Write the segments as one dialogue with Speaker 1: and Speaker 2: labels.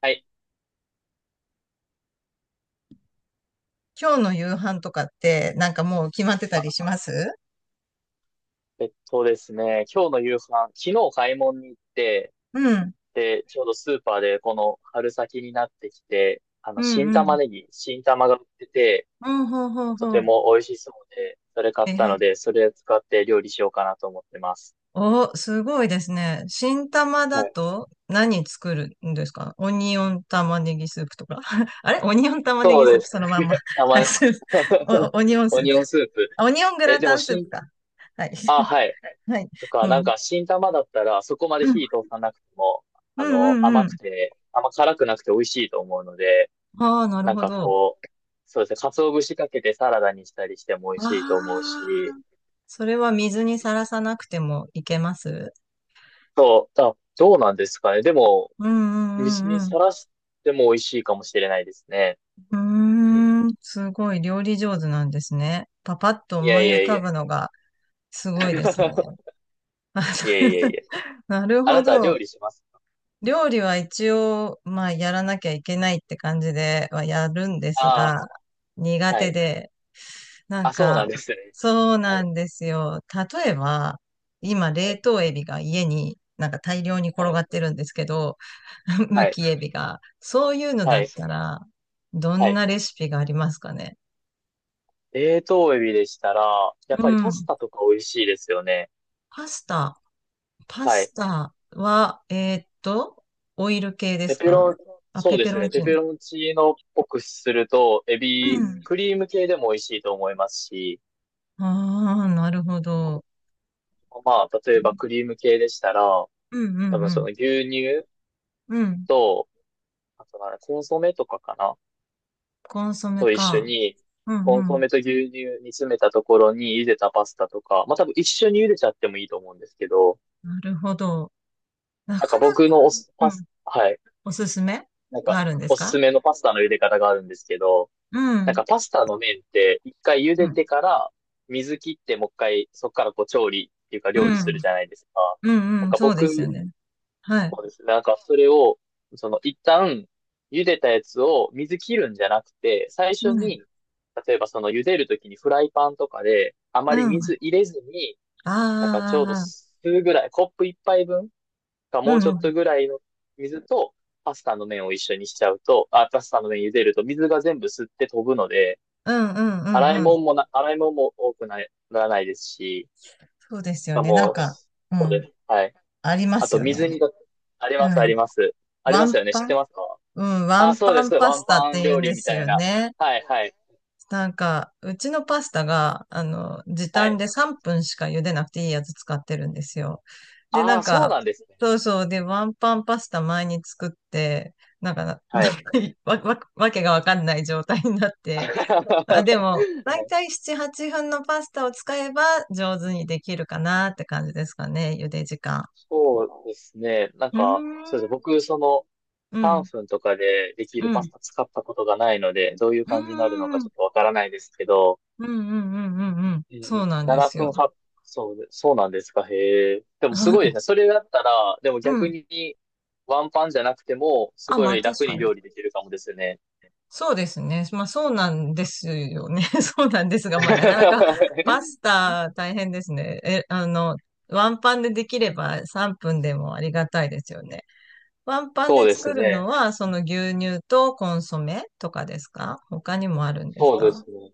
Speaker 1: はい。
Speaker 2: 今日の夕飯とかって、なんかもう決まってた
Speaker 1: あ、
Speaker 2: りします？
Speaker 1: えっとですね、今日の夕飯、昨日買い物に行って、
Speaker 2: うん。
Speaker 1: ちょうどスーパーでこの春先になってきて、
Speaker 2: うん
Speaker 1: 新
Speaker 2: う
Speaker 1: 玉
Speaker 2: ん。
Speaker 1: ねぎ、新玉が売ってて、
Speaker 2: うん、ほうほう
Speaker 1: と
Speaker 2: ほ
Speaker 1: て
Speaker 2: う。
Speaker 1: も美味しそうで、それ買っ
Speaker 2: え
Speaker 1: たの
Speaker 2: へ。
Speaker 1: で、それを使って料理しようかなと思ってます。
Speaker 2: お、すごいですね。新玉
Speaker 1: は
Speaker 2: だ
Speaker 1: い。
Speaker 2: と何作るんですか？オニオン玉ねぎスープとか あれオニオン玉ねぎ
Speaker 1: そう
Speaker 2: スー
Speaker 1: で
Speaker 2: プ
Speaker 1: す。
Speaker 2: そのまんま。
Speaker 1: た
Speaker 2: はい、
Speaker 1: ま、
Speaker 2: スープ。お、オニオン
Speaker 1: オ
Speaker 2: スー
Speaker 1: ニ
Speaker 2: プ。
Speaker 1: オンスープ。
Speaker 2: あオニオング
Speaker 1: え、
Speaker 2: ラ
Speaker 1: でも
Speaker 2: タンスープ
Speaker 1: 新、
Speaker 2: か。はい。
Speaker 1: あ、はい。
Speaker 2: はい。う
Speaker 1: なん
Speaker 2: ん。
Speaker 1: か新玉だったら、そこま
Speaker 2: う
Speaker 1: で
Speaker 2: ん。
Speaker 1: 火通さなくても、
Speaker 2: うんうん
Speaker 1: 甘
Speaker 2: う
Speaker 1: く
Speaker 2: ん。
Speaker 1: て、あんま辛くなくて美味しいと思うので、
Speaker 2: ああ、なる
Speaker 1: なん
Speaker 2: ほ
Speaker 1: か
Speaker 2: ど。
Speaker 1: こう、そうですね、鰹節かけてサラダにしたりしても美味
Speaker 2: あ
Speaker 1: しいと思う
Speaker 2: あ、
Speaker 1: し、
Speaker 2: それは水にさらさなくてもいけます？
Speaker 1: そう、あ、どうなんですかね。でも、
Speaker 2: うんう
Speaker 1: 水に
Speaker 2: んうんう
Speaker 1: さらしても美味しいかもしれないですね。うん。
Speaker 2: ん。うーん、すごい料理上手なんですね。パパッと
Speaker 1: いや
Speaker 2: 思
Speaker 1: い
Speaker 2: い浮
Speaker 1: やい
Speaker 2: か
Speaker 1: や。
Speaker 2: ぶのがすごいですね。あの
Speaker 1: いやいやい や。
Speaker 2: なる
Speaker 1: あ
Speaker 2: ほ
Speaker 1: なたは料
Speaker 2: ど。
Speaker 1: 理します
Speaker 2: 料理は一応、まあ、やらなきゃいけないって感じではやるんです
Speaker 1: あ
Speaker 2: が、
Speaker 1: あ、
Speaker 2: 苦
Speaker 1: は
Speaker 2: 手
Speaker 1: い。
Speaker 2: で、なん
Speaker 1: あ、そうな
Speaker 2: か、
Speaker 1: んですね。
Speaker 2: そう
Speaker 1: は
Speaker 2: な
Speaker 1: い、
Speaker 2: んですよ。例えば、今、
Speaker 1: は
Speaker 2: 冷
Speaker 1: い、
Speaker 2: 凍エビが家になんか大量に転
Speaker 1: は
Speaker 2: が
Speaker 1: い、
Speaker 2: ってるんですけど、む
Speaker 1: はい、
Speaker 2: きエビが。そういうの
Speaker 1: は
Speaker 2: だ
Speaker 1: い、
Speaker 2: ったら、ど
Speaker 1: は
Speaker 2: ん
Speaker 1: い。
Speaker 2: なレシピがありますかね。
Speaker 1: 冷凍エビでしたら、やっ
Speaker 2: う
Speaker 1: ぱりパス
Speaker 2: ん。
Speaker 1: タとか美味しいですよね。
Speaker 2: パスタ。パ
Speaker 1: はい。
Speaker 2: スタは、オイル系で
Speaker 1: ペ
Speaker 2: す
Speaker 1: ペ
Speaker 2: か？
Speaker 1: ロン、
Speaker 2: あ、
Speaker 1: そ
Speaker 2: ペ
Speaker 1: うで
Speaker 2: ペ
Speaker 1: す
Speaker 2: ロ
Speaker 1: ね。
Speaker 2: ン
Speaker 1: ペ
Speaker 2: チーノ。
Speaker 1: ペロンチーノっぽくすると、エ
Speaker 2: う
Speaker 1: ビ、
Speaker 2: ん。
Speaker 1: クリーム系でも美味しいと思いますし、
Speaker 2: ああ、なるほど。
Speaker 1: まあ、例えばクリーム系でしたら、
Speaker 2: うんう
Speaker 1: 多分そ
Speaker 2: ん
Speaker 1: の牛乳
Speaker 2: うん。うん。
Speaker 1: と、あとなんだコンソメとかかな
Speaker 2: コンソメ
Speaker 1: と一緒
Speaker 2: か。
Speaker 1: に、
Speaker 2: う
Speaker 1: コン
Speaker 2: んう
Speaker 1: ソ
Speaker 2: ん。
Speaker 1: メと牛乳煮詰めたところに茹でたパスタとか、まあ多分一緒に茹でちゃってもいいと思うんですけど、
Speaker 2: なるほど。な
Speaker 1: なん
Speaker 2: か
Speaker 1: か
Speaker 2: な
Speaker 1: 僕の
Speaker 2: か、
Speaker 1: おす、
Speaker 2: う
Speaker 1: パ
Speaker 2: ん
Speaker 1: ス、はい。
Speaker 2: おすすめ
Speaker 1: なん
Speaker 2: が
Speaker 1: か、
Speaker 2: あるんです
Speaker 1: おす
Speaker 2: か？
Speaker 1: すめのパスタの茹で方があるんですけど、
Speaker 2: う
Speaker 1: なん
Speaker 2: ん。
Speaker 1: かパスタの麺って一回茹
Speaker 2: う
Speaker 1: で
Speaker 2: ん。
Speaker 1: てから水切ってもう一回そこからこう調理っていうか
Speaker 2: う
Speaker 1: 料理する
Speaker 2: ん。
Speaker 1: じゃないですか。
Speaker 2: うん。
Speaker 1: なん
Speaker 2: うん。
Speaker 1: か
Speaker 2: そうですよ
Speaker 1: 僕、
Speaker 2: ね。はい。
Speaker 1: そうですね。なんかそれを、その一旦茹でたやつを水切るんじゃなくて、最
Speaker 2: う
Speaker 1: 初
Speaker 2: ん。
Speaker 1: に、例えばその茹でるときにフライパンとかであま
Speaker 2: う
Speaker 1: り
Speaker 2: ん。
Speaker 1: 水
Speaker 2: あ
Speaker 1: 入れずに、
Speaker 2: あ、
Speaker 1: なんかちょう
Speaker 2: あ
Speaker 1: ど
Speaker 2: あ、ああ
Speaker 1: 数ぐらい、コップ一杯分か
Speaker 2: う
Speaker 1: もうち
Speaker 2: ん。
Speaker 1: ょ
Speaker 2: う
Speaker 1: っと
Speaker 2: ん。
Speaker 1: ぐらいの水とパスタの麺を一緒にしちゃうと、あ、パスタの麺茹でると水が全部吸って飛ぶので、
Speaker 2: うん。うん。うんうんああうんうんうんうんうんうん
Speaker 1: 洗い物も多くなならないですし、
Speaker 2: そうです
Speaker 1: し
Speaker 2: よ
Speaker 1: か
Speaker 2: ね。なん
Speaker 1: も、
Speaker 2: か、う
Speaker 1: そうで
Speaker 2: ん。
Speaker 1: す。はい。
Speaker 2: ありま
Speaker 1: あ
Speaker 2: す
Speaker 1: と、
Speaker 2: よね。
Speaker 1: 水煮が、あり
Speaker 2: う
Speaker 1: ます、あ
Speaker 2: ん。
Speaker 1: ります。あり
Speaker 2: ワ
Speaker 1: ます
Speaker 2: ン
Speaker 1: よね。知っ
Speaker 2: パ
Speaker 1: て
Speaker 2: ン
Speaker 1: ますか。
Speaker 2: うん。ワ
Speaker 1: あ、
Speaker 2: ン
Speaker 1: そう
Speaker 2: パ
Speaker 1: で
Speaker 2: ン
Speaker 1: す。
Speaker 2: パ
Speaker 1: ワ
Speaker 2: ス
Speaker 1: ン
Speaker 2: タっ
Speaker 1: パン
Speaker 2: て言う
Speaker 1: 料
Speaker 2: ん
Speaker 1: 理
Speaker 2: で
Speaker 1: み
Speaker 2: す
Speaker 1: たい
Speaker 2: よ
Speaker 1: な。
Speaker 2: ね。
Speaker 1: はい、はい、
Speaker 2: なんか、うちのパスタが、あの、時
Speaker 1: は
Speaker 2: 短
Speaker 1: い。
Speaker 2: で3分しか茹でなくていいやつ使ってるんですよ。で、な
Speaker 1: あ
Speaker 2: ん
Speaker 1: あ、そう
Speaker 2: か、
Speaker 1: なんですね。
Speaker 2: そうそう、で、ワンパンパスタ前に作って、なんかな、な
Speaker 1: はい。
Speaker 2: んかいわ、わ、わけがわかんない状態になって、
Speaker 1: は
Speaker 2: あ、でも、だいた
Speaker 1: い。
Speaker 2: い7、8分のパスタを使えば上手にできるかなって感じですかね、茹で時間。
Speaker 1: そうですね。なん
Speaker 2: うー
Speaker 1: か、そうです。
Speaker 2: ん、
Speaker 1: 僕、その、
Speaker 2: う
Speaker 1: パン
Speaker 2: ん、
Speaker 1: フンとかででき
Speaker 2: う
Speaker 1: るパス
Speaker 2: ん、
Speaker 1: タ使ったことがないので、どういう
Speaker 2: う
Speaker 1: 感じになるの
Speaker 2: ん、
Speaker 1: か
Speaker 2: うん、
Speaker 1: ちょっとわからないですけど、
Speaker 2: うん、うん、うん、うん、
Speaker 1: え
Speaker 2: そう
Speaker 1: え、
Speaker 2: なんで
Speaker 1: 7
Speaker 2: す
Speaker 1: 分
Speaker 2: よ。
Speaker 1: 8、そうで、そうなんですか、へえ。でもすごいですね。それだったら、でも
Speaker 2: う
Speaker 1: 逆
Speaker 2: ん。
Speaker 1: に、ワンパンじゃなくても、す
Speaker 2: あ、ま
Speaker 1: ご
Speaker 2: あ
Speaker 1: い
Speaker 2: 確
Speaker 1: 楽
Speaker 2: か
Speaker 1: に
Speaker 2: に。
Speaker 1: 料理できるかもですね。
Speaker 2: そうですね。まあそうなんですよね。そうなんです が、まあなかなか
Speaker 1: そうです
Speaker 2: パスタ大変ですね。え、あの、ワンパンでできれば3分でもありがたいですよね。ワンパンで作る
Speaker 1: ね。
Speaker 2: のは、その牛乳とコンソメとかですか？他にもあるんです
Speaker 1: そうで
Speaker 2: か？
Speaker 1: すね。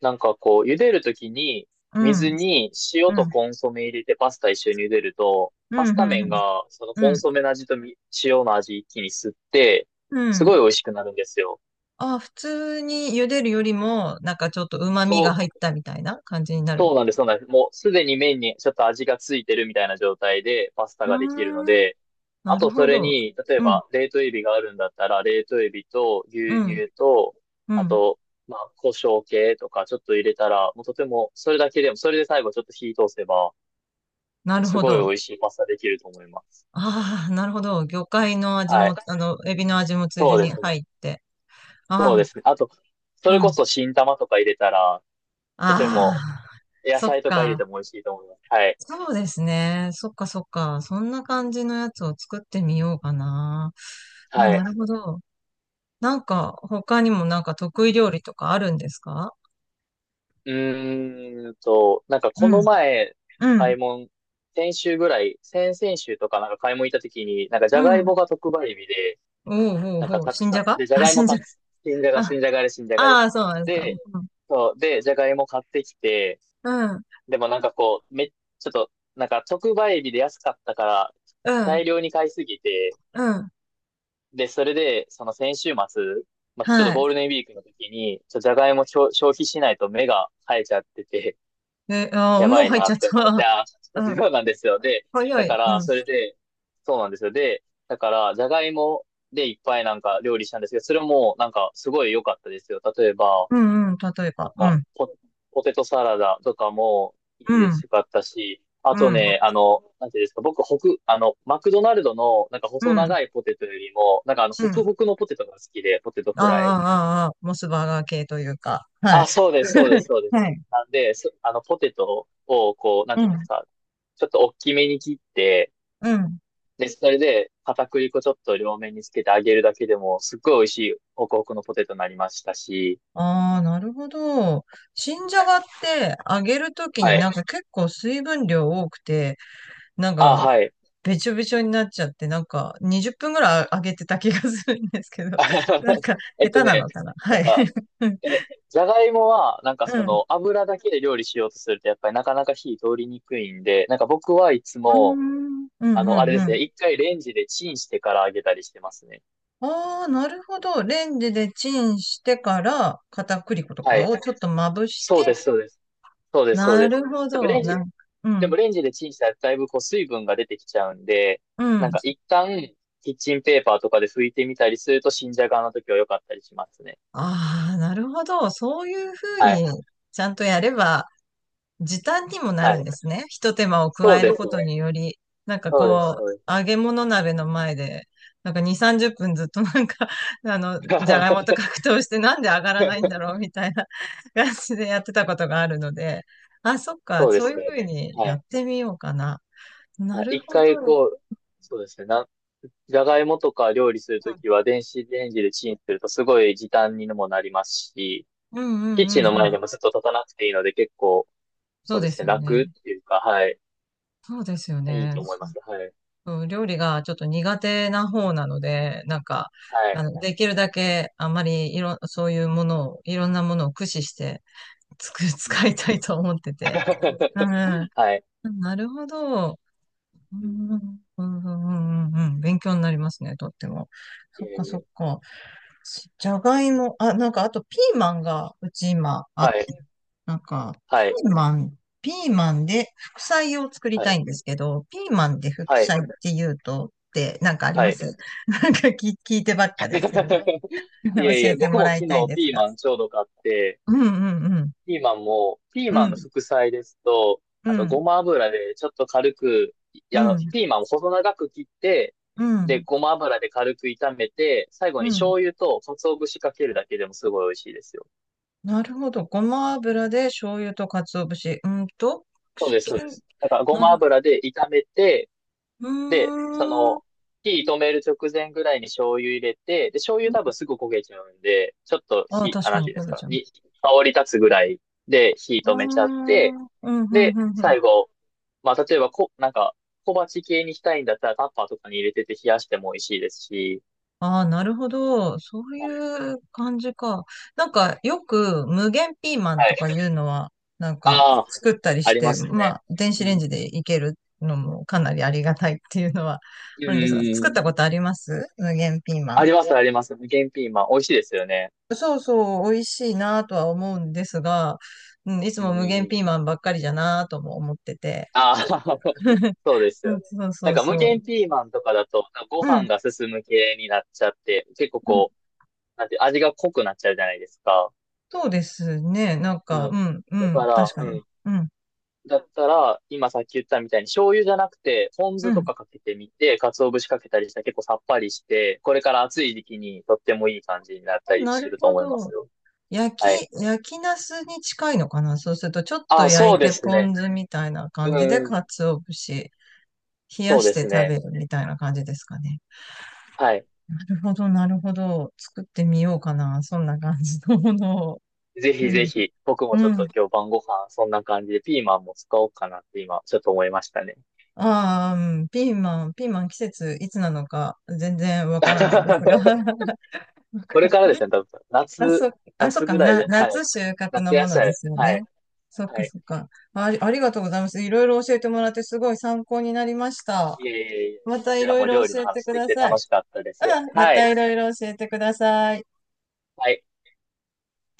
Speaker 1: なんかこう、茹でるときに、
Speaker 2: う
Speaker 1: 水
Speaker 2: ん、
Speaker 1: に塩
Speaker 2: う
Speaker 1: と
Speaker 2: ん、
Speaker 1: コンソメ入れてパスタ一緒に茹でると、
Speaker 2: う
Speaker 1: パ
Speaker 2: ん、
Speaker 1: ス
Speaker 2: う
Speaker 1: タ麺
Speaker 2: ん、
Speaker 1: が、その
Speaker 2: う
Speaker 1: コン
Speaker 2: ん、
Speaker 1: ソメの味とみ塩の味一気に吸って、
Speaker 2: う
Speaker 1: す
Speaker 2: ん。
Speaker 1: ごい美味しくなるんですよ。
Speaker 2: あ、普通に茹でるよりも、なんかちょっと旨味が
Speaker 1: そ
Speaker 2: 入っ
Speaker 1: う、
Speaker 2: たみたいな感じになる。
Speaker 1: そうなんです、そうなんです。もうすでに麺にちょっと味がついてるみたいな状態でパスタ
Speaker 2: う
Speaker 1: ができるの
Speaker 2: ーん、
Speaker 1: で、
Speaker 2: な
Speaker 1: あ
Speaker 2: る
Speaker 1: とそ
Speaker 2: ほ
Speaker 1: れ
Speaker 2: ど。
Speaker 1: に、例え
Speaker 2: うん、
Speaker 1: ば冷凍エビがあるんだったら、冷凍エビと
Speaker 2: う
Speaker 1: 牛
Speaker 2: ん、
Speaker 1: 乳と、
Speaker 2: う
Speaker 1: あ
Speaker 2: ん。
Speaker 1: と、まあ、胡椒系とかちょっと入れたら、もうとても、それだけでも、それで最後ちょっと火通せば、
Speaker 2: なる
Speaker 1: す
Speaker 2: ほ
Speaker 1: ごい
Speaker 2: ど。
Speaker 1: 美味しいパスタできると思います。
Speaker 2: ああ、なるほど。魚介の味
Speaker 1: はい。
Speaker 2: も、あの、エビの味もついで
Speaker 1: そうで
Speaker 2: に
Speaker 1: すね。
Speaker 2: 入って。
Speaker 1: そうで
Speaker 2: あ
Speaker 1: すね。あと、そ
Speaker 2: あ、
Speaker 1: れ
Speaker 2: う
Speaker 1: こ
Speaker 2: ん。
Speaker 1: そ新玉とか入れたら、とても、
Speaker 2: ああ、
Speaker 1: 野
Speaker 2: そっ
Speaker 1: 菜とか入れて
Speaker 2: か。
Speaker 1: も美味しいと思います。はい。
Speaker 2: そうですね。そっかそっか。そんな感じのやつを作ってみようかな。あ、
Speaker 1: は
Speaker 2: な
Speaker 1: い。
Speaker 2: るほど。なんか、他にもなんか得意料理とかあるんですか？
Speaker 1: うーんと、なんか
Speaker 2: う
Speaker 1: こ
Speaker 2: ん、
Speaker 1: の前、
Speaker 2: う
Speaker 1: 買
Speaker 2: ん、
Speaker 1: い物、先週ぐらい、先々週とかなんか買い物行った時に、なんかじ
Speaker 2: う
Speaker 1: ゃがい
Speaker 2: ん。
Speaker 1: もが特売日で、
Speaker 2: おうおう
Speaker 1: なんか
Speaker 2: おう、
Speaker 1: たく
Speaker 2: 新じ
Speaker 1: さ
Speaker 2: ゃ
Speaker 1: ん、
Speaker 2: が
Speaker 1: で、じゃ
Speaker 2: あ、
Speaker 1: がいも
Speaker 2: 新じゃ
Speaker 1: たくさん、新じゃが、
Speaker 2: が。
Speaker 1: 新じゃがです、新じゃが
Speaker 2: あ、
Speaker 1: で
Speaker 2: あ
Speaker 1: す。
Speaker 2: あ、そうなんですか。
Speaker 1: で、
Speaker 2: うん、
Speaker 1: そう、で、じゃがいも買ってきて、
Speaker 2: うん、
Speaker 1: でもなんかこう、め、ちょっと、なんか特売日で安かったから、
Speaker 2: うん、
Speaker 1: 大量に買いすぎて、
Speaker 2: うん。
Speaker 1: で、それで、その先週末、まあ、ちょっと
Speaker 2: は
Speaker 1: ゴ
Speaker 2: い。
Speaker 1: ールデンウィークの時に、じゃがいも消費しないと目が生えちゃってて、
Speaker 2: え、ああ、
Speaker 1: や
Speaker 2: も
Speaker 1: ば
Speaker 2: う
Speaker 1: い
Speaker 2: 入っ
Speaker 1: な
Speaker 2: ちゃ
Speaker 1: っ
Speaker 2: っ
Speaker 1: て思っ
Speaker 2: た。
Speaker 1: て、あ
Speaker 2: う
Speaker 1: ー、
Speaker 2: ん。
Speaker 1: そうなんですよ。で、だ
Speaker 2: 早
Speaker 1: か
Speaker 2: い。う
Speaker 1: ら、
Speaker 2: ん。
Speaker 1: それで、そうなんですよ。で、だから、じゃがいもでいっぱいなんか料理したんですけど、それもなんかすごい良かったですよ。例えば、
Speaker 2: うんうん、例え
Speaker 1: なん
Speaker 2: ば、う
Speaker 1: か
Speaker 2: ん、
Speaker 1: ポ、ポテトサラダとかも
Speaker 2: う
Speaker 1: いいです
Speaker 2: ん、
Speaker 1: よかったし、あ
Speaker 2: う
Speaker 1: と
Speaker 2: ん、
Speaker 1: ね、あの、なんていうんですか、僕、ホク、あの、マクドナルドのなんか
Speaker 2: う
Speaker 1: 細
Speaker 2: ん、
Speaker 1: 長いポテトよりも、なんかあの、
Speaker 2: う
Speaker 1: ホク
Speaker 2: ん。
Speaker 1: ホクのポテトが好きで、ポテト
Speaker 2: ああ、
Speaker 1: フライ。
Speaker 2: ああ、ああ、モスバーガー系というか、は
Speaker 1: あ、
Speaker 2: い。
Speaker 1: そうです、そうです、そうです。
Speaker 2: はい。
Speaker 1: なんで、そ、あの、ポテトを、こう、なん
Speaker 2: う
Speaker 1: ていうんです
Speaker 2: ん、
Speaker 1: か、ちょっと大きめに切って、
Speaker 2: うん。
Speaker 1: で、それで、片栗粉ちょっと両面につけて揚げるだけでも、すっごい美味しい、ホクホクのポテトになりましたし、
Speaker 2: ああ、なるほど。新じゃがって揚げるとき
Speaker 1: は
Speaker 2: にな
Speaker 1: い。
Speaker 2: んか結構水分量多くて、なん
Speaker 1: あ、
Speaker 2: か
Speaker 1: はい。
Speaker 2: べちょべちょになっちゃって、なんか20分ぐらい揚げてた気がするんですけど、なん か
Speaker 1: え
Speaker 2: 下
Speaker 1: っと
Speaker 2: 手な
Speaker 1: ね、
Speaker 2: のかな。
Speaker 1: な
Speaker 2: は
Speaker 1: ん
Speaker 2: い。
Speaker 1: か、
Speaker 2: うん。
Speaker 1: え、じゃがいもは、なんか
Speaker 2: う
Speaker 1: そ
Speaker 2: ん。
Speaker 1: の、油だけで料理しようとすると、やっぱりなかなか火通りにくいんで、なんか僕はいつ
Speaker 2: う
Speaker 1: も、
Speaker 2: ん。う
Speaker 1: あ
Speaker 2: ん、
Speaker 1: の、
Speaker 2: う
Speaker 1: あれ
Speaker 2: ん、
Speaker 1: で
Speaker 2: う
Speaker 1: す
Speaker 2: ん。
Speaker 1: ね、一回レンジでチンしてから揚げたりしてますね。
Speaker 2: ああ、なるほど。レンジでチンしてから、片栗粉と
Speaker 1: は
Speaker 2: か
Speaker 1: い。
Speaker 2: をちょっとまぶして、
Speaker 1: そうです、そうです。そうです、そう
Speaker 2: な
Speaker 1: です。
Speaker 2: るほ
Speaker 1: でもレ
Speaker 2: ど。
Speaker 1: ンジ、
Speaker 2: う
Speaker 1: でも
Speaker 2: ん、
Speaker 1: レンジでチンしたらだいぶこう水分が出てきちゃうんで、
Speaker 2: う
Speaker 1: なん
Speaker 2: ん。
Speaker 1: か一旦キッチンペーパーとかで拭いてみたりすると新じゃがの時は良かったりしますね。
Speaker 2: ああ、なるほど。そういうふう
Speaker 1: はい。
Speaker 2: に、ちゃんとやれば、時短にもな
Speaker 1: は
Speaker 2: るん
Speaker 1: い。
Speaker 2: ですね。一手間を
Speaker 1: そ
Speaker 2: 加
Speaker 1: う
Speaker 2: える
Speaker 1: です
Speaker 2: こ
Speaker 1: ね。
Speaker 2: とにより、なんか
Speaker 1: そうです、
Speaker 2: こ
Speaker 1: そうです。
Speaker 2: う、揚げ物鍋の前で、なんか2、30分ずっと なんか、あの、じゃがいもと 格闘してなんで上がらないんだろうみたいな 感じでやってたことがあるので、あ、そっか、
Speaker 1: そうで
Speaker 2: そう
Speaker 1: す
Speaker 2: いうふ
Speaker 1: よ
Speaker 2: う
Speaker 1: ね。
Speaker 2: に
Speaker 1: は
Speaker 2: やっ
Speaker 1: い。
Speaker 2: てみようかな。な
Speaker 1: はい
Speaker 2: る
Speaker 1: 一
Speaker 2: ほ
Speaker 1: 回
Speaker 2: ど。
Speaker 1: こう、そうですね。な、じゃがいもとか料理するときは電子レンジでチンするとすごい時短にもなりますし、
Speaker 2: うんうん
Speaker 1: キッ
Speaker 2: う
Speaker 1: チン
Speaker 2: ん
Speaker 1: の
Speaker 2: う
Speaker 1: 前
Speaker 2: ん。
Speaker 1: にもずっと立たなくていいので結構、
Speaker 2: そ
Speaker 1: そ
Speaker 2: う
Speaker 1: うで
Speaker 2: で
Speaker 1: す
Speaker 2: す
Speaker 1: ね、
Speaker 2: よ
Speaker 1: 楽っ
Speaker 2: ね。
Speaker 1: ていうか、はい。
Speaker 2: そうですよ
Speaker 1: いい
Speaker 2: ね。
Speaker 1: と思います。はい。
Speaker 2: うん、料理がちょっと苦手な方なので、なんか、
Speaker 1: は
Speaker 2: あ
Speaker 1: い。
Speaker 2: の、できるだけあんまりそういうものを、いろんなものを駆使してつく
Speaker 1: うんうん
Speaker 2: 使
Speaker 1: う
Speaker 2: いた
Speaker 1: ん
Speaker 2: いと思ってて。うん、
Speaker 1: はい。
Speaker 2: なるほど。う
Speaker 1: うん。
Speaker 2: ん、うん、うん、うん、うんうん勉強になりますね、とっても。
Speaker 1: い
Speaker 2: そ
Speaker 1: え
Speaker 2: っか、
Speaker 1: い
Speaker 2: そっ
Speaker 1: え。
Speaker 2: か。しじゃがいも、あ、なんか、あとピーマンが、うち今あっ
Speaker 1: は
Speaker 2: て、
Speaker 1: い。
Speaker 2: なんか、ピ
Speaker 1: はい。
Speaker 2: ーマン、ピーマンで副菜を作り
Speaker 1: は
Speaker 2: たい
Speaker 1: い。
Speaker 2: んですけど、ピーマンで副
Speaker 1: はい。
Speaker 2: 菜って言うと、ってなんかあり
Speaker 1: は
Speaker 2: ま
Speaker 1: い。
Speaker 2: す？ なんか聞いてばっかですいませ ん。
Speaker 1: いえい
Speaker 2: 教え
Speaker 1: え、
Speaker 2: て
Speaker 1: 僕
Speaker 2: も
Speaker 1: も
Speaker 2: らい
Speaker 1: 昨
Speaker 2: たいん
Speaker 1: 日
Speaker 2: です
Speaker 1: ピー
Speaker 2: が。
Speaker 1: マンちょうど買って、
Speaker 2: うんうんうん。
Speaker 1: ピーマンも、ピー
Speaker 2: う
Speaker 1: マン
Speaker 2: ん
Speaker 1: の副菜ですと、
Speaker 2: う
Speaker 1: あと
Speaker 2: ん
Speaker 1: ごま油でちょっと軽く、い、
Speaker 2: う
Speaker 1: あの、
Speaker 2: ん
Speaker 1: ピーマンを細長く切って、
Speaker 2: う
Speaker 1: で、
Speaker 2: ん
Speaker 1: ごま油で軽く炒めて、最後
Speaker 2: う
Speaker 1: に
Speaker 2: ん
Speaker 1: 醤油と鰹節かけるだけでもすごい美味しいですよ。
Speaker 2: なるほど。ごま油で醤油と鰹節。うんと、く
Speaker 1: そう
Speaker 2: し
Speaker 1: です、そう
Speaker 2: ゅ
Speaker 1: です。だからご
Speaker 2: な
Speaker 1: ま
Speaker 2: るほど。
Speaker 1: 油で炒めて、
Speaker 2: う
Speaker 1: で、そ
Speaker 2: ーん。
Speaker 1: の、火止める直前ぐらいに醤油入れて、で、醤油多分すぐ焦げちゃうんで、ちょっと
Speaker 2: ああ、
Speaker 1: 火、
Speaker 2: 確
Speaker 1: あ、
Speaker 2: か
Speaker 1: なんて
Speaker 2: に、
Speaker 1: いうん
Speaker 2: こ
Speaker 1: です
Speaker 2: れ
Speaker 1: か、
Speaker 2: じゃ
Speaker 1: に、香り立つぐらいで火
Speaker 2: ああ、
Speaker 1: 止
Speaker 2: う
Speaker 1: めちゃって、
Speaker 2: ん、うん、う
Speaker 1: で、
Speaker 2: ん、うん。
Speaker 1: 最後、まあ、例えばこ、なんか、小鉢系にしたいんだったらタッパーとかに入れてて冷やしても美味しいですし、
Speaker 2: ああ、なるほど。そういう感じか。なんか、よく無限ピーマン
Speaker 1: は
Speaker 2: と
Speaker 1: い。
Speaker 2: かいうのは、なんか、
Speaker 1: ああ、
Speaker 2: 作ったり
Speaker 1: あ
Speaker 2: し
Speaker 1: り
Speaker 2: て、
Speaker 1: ます
Speaker 2: ま
Speaker 1: ね。
Speaker 2: あ、電
Speaker 1: う
Speaker 2: 子レン
Speaker 1: ん。
Speaker 2: ジでいけるのもかなりありがたいっていうのは
Speaker 1: うん
Speaker 2: あるんですが、
Speaker 1: うん
Speaker 2: 作
Speaker 1: う
Speaker 2: っ
Speaker 1: ん。
Speaker 2: たことあります？無限ピーマ
Speaker 1: あ
Speaker 2: ン。
Speaker 1: ります、あります。無限ピーマン。美味しいですよね。
Speaker 2: そうそう、美味しいなとは思うんですが、うん、いつ
Speaker 1: うんう
Speaker 2: も
Speaker 1: ん
Speaker 2: 無
Speaker 1: う
Speaker 2: 限
Speaker 1: ん。
Speaker 2: ピーマンばっかりじゃなとも思ってて。
Speaker 1: ああ そうです
Speaker 2: う
Speaker 1: よ
Speaker 2: ん
Speaker 1: ね。
Speaker 2: そう
Speaker 1: な
Speaker 2: そ
Speaker 1: ん
Speaker 2: う
Speaker 1: か
Speaker 2: そ
Speaker 1: 無限
Speaker 2: う。
Speaker 1: ピーマンとかだと、ご
Speaker 2: う
Speaker 1: 飯
Speaker 2: ん。
Speaker 1: が進む系になっちゃって、結構こう、なんて、味が濃くなっちゃうじゃないですか。
Speaker 2: そうですね。なんか、
Speaker 1: うん。
Speaker 2: うん、う
Speaker 1: だか
Speaker 2: ん、確
Speaker 1: ら、
Speaker 2: か
Speaker 1: う
Speaker 2: に。
Speaker 1: ん。
Speaker 2: うん、
Speaker 1: だったら、今さっき言ったみたいに醤油じゃなくて、ポン
Speaker 2: う
Speaker 1: 酢と
Speaker 2: ん。
Speaker 1: かかけてみて、鰹節かけたりしたら結構さっぱりして、これから暑い時期にとってもいい感じになったり
Speaker 2: な
Speaker 1: して
Speaker 2: る
Speaker 1: ると
Speaker 2: ほ
Speaker 1: 思います
Speaker 2: ど。
Speaker 1: よ。
Speaker 2: 焼
Speaker 1: はい。
Speaker 2: き、焼きナスに近いのかな？そうすると、ちょっと
Speaker 1: あ、そ
Speaker 2: 焼
Speaker 1: う
Speaker 2: い
Speaker 1: で
Speaker 2: て
Speaker 1: すそう
Speaker 2: ポ
Speaker 1: ねです
Speaker 2: ン
Speaker 1: ね。
Speaker 2: 酢みたいな
Speaker 1: う
Speaker 2: 感じで、
Speaker 1: んう
Speaker 2: 鰹
Speaker 1: ん。
Speaker 2: 節、冷や
Speaker 1: そう
Speaker 2: し
Speaker 1: で
Speaker 2: て
Speaker 1: す
Speaker 2: 食
Speaker 1: ね。
Speaker 2: べるみたいな感じですかね。
Speaker 1: はい。
Speaker 2: なるほど、なるほど。作ってみようかな。そんな感じのものを。
Speaker 1: ぜ
Speaker 2: う
Speaker 1: ひぜ
Speaker 2: ん。
Speaker 1: ひ、僕もちょ
Speaker 2: う
Speaker 1: っ
Speaker 2: ん。
Speaker 1: と今日晩ご飯、そんな感じでピーマンも使おうかなって今、ちょっと思いましたね。
Speaker 2: ああ、うんピーマン、ピーマン季節いつなのか全然わからないですが。なん
Speaker 1: これ
Speaker 2: か
Speaker 1: からですね、多分、
Speaker 2: あ、
Speaker 1: 夏、
Speaker 2: そう、あ、そう
Speaker 1: 夏
Speaker 2: か
Speaker 1: ぐらい
Speaker 2: な、
Speaker 1: で、は
Speaker 2: 夏
Speaker 1: い。
Speaker 2: 収穫
Speaker 1: 夏
Speaker 2: のも
Speaker 1: 野
Speaker 2: ので
Speaker 1: 菜、
Speaker 2: すよ
Speaker 1: は
Speaker 2: ね。
Speaker 1: い、
Speaker 2: そっ
Speaker 1: は
Speaker 2: か
Speaker 1: い。
Speaker 2: そっか。あ、ありがとうございます。いろいろ教えてもらってすごい参考になりました。
Speaker 1: いえいえいえ、
Speaker 2: ま
Speaker 1: こ
Speaker 2: た
Speaker 1: ち
Speaker 2: い
Speaker 1: ら
Speaker 2: ろい
Speaker 1: も
Speaker 2: ろ
Speaker 1: 料理
Speaker 2: 教
Speaker 1: の
Speaker 2: えて
Speaker 1: 話
Speaker 2: く
Speaker 1: でき
Speaker 2: だ
Speaker 1: て
Speaker 2: さい。
Speaker 1: 楽しかったです。
Speaker 2: うん、ま
Speaker 1: は
Speaker 2: た
Speaker 1: い、
Speaker 2: いろいろ教えてください。
Speaker 1: はい。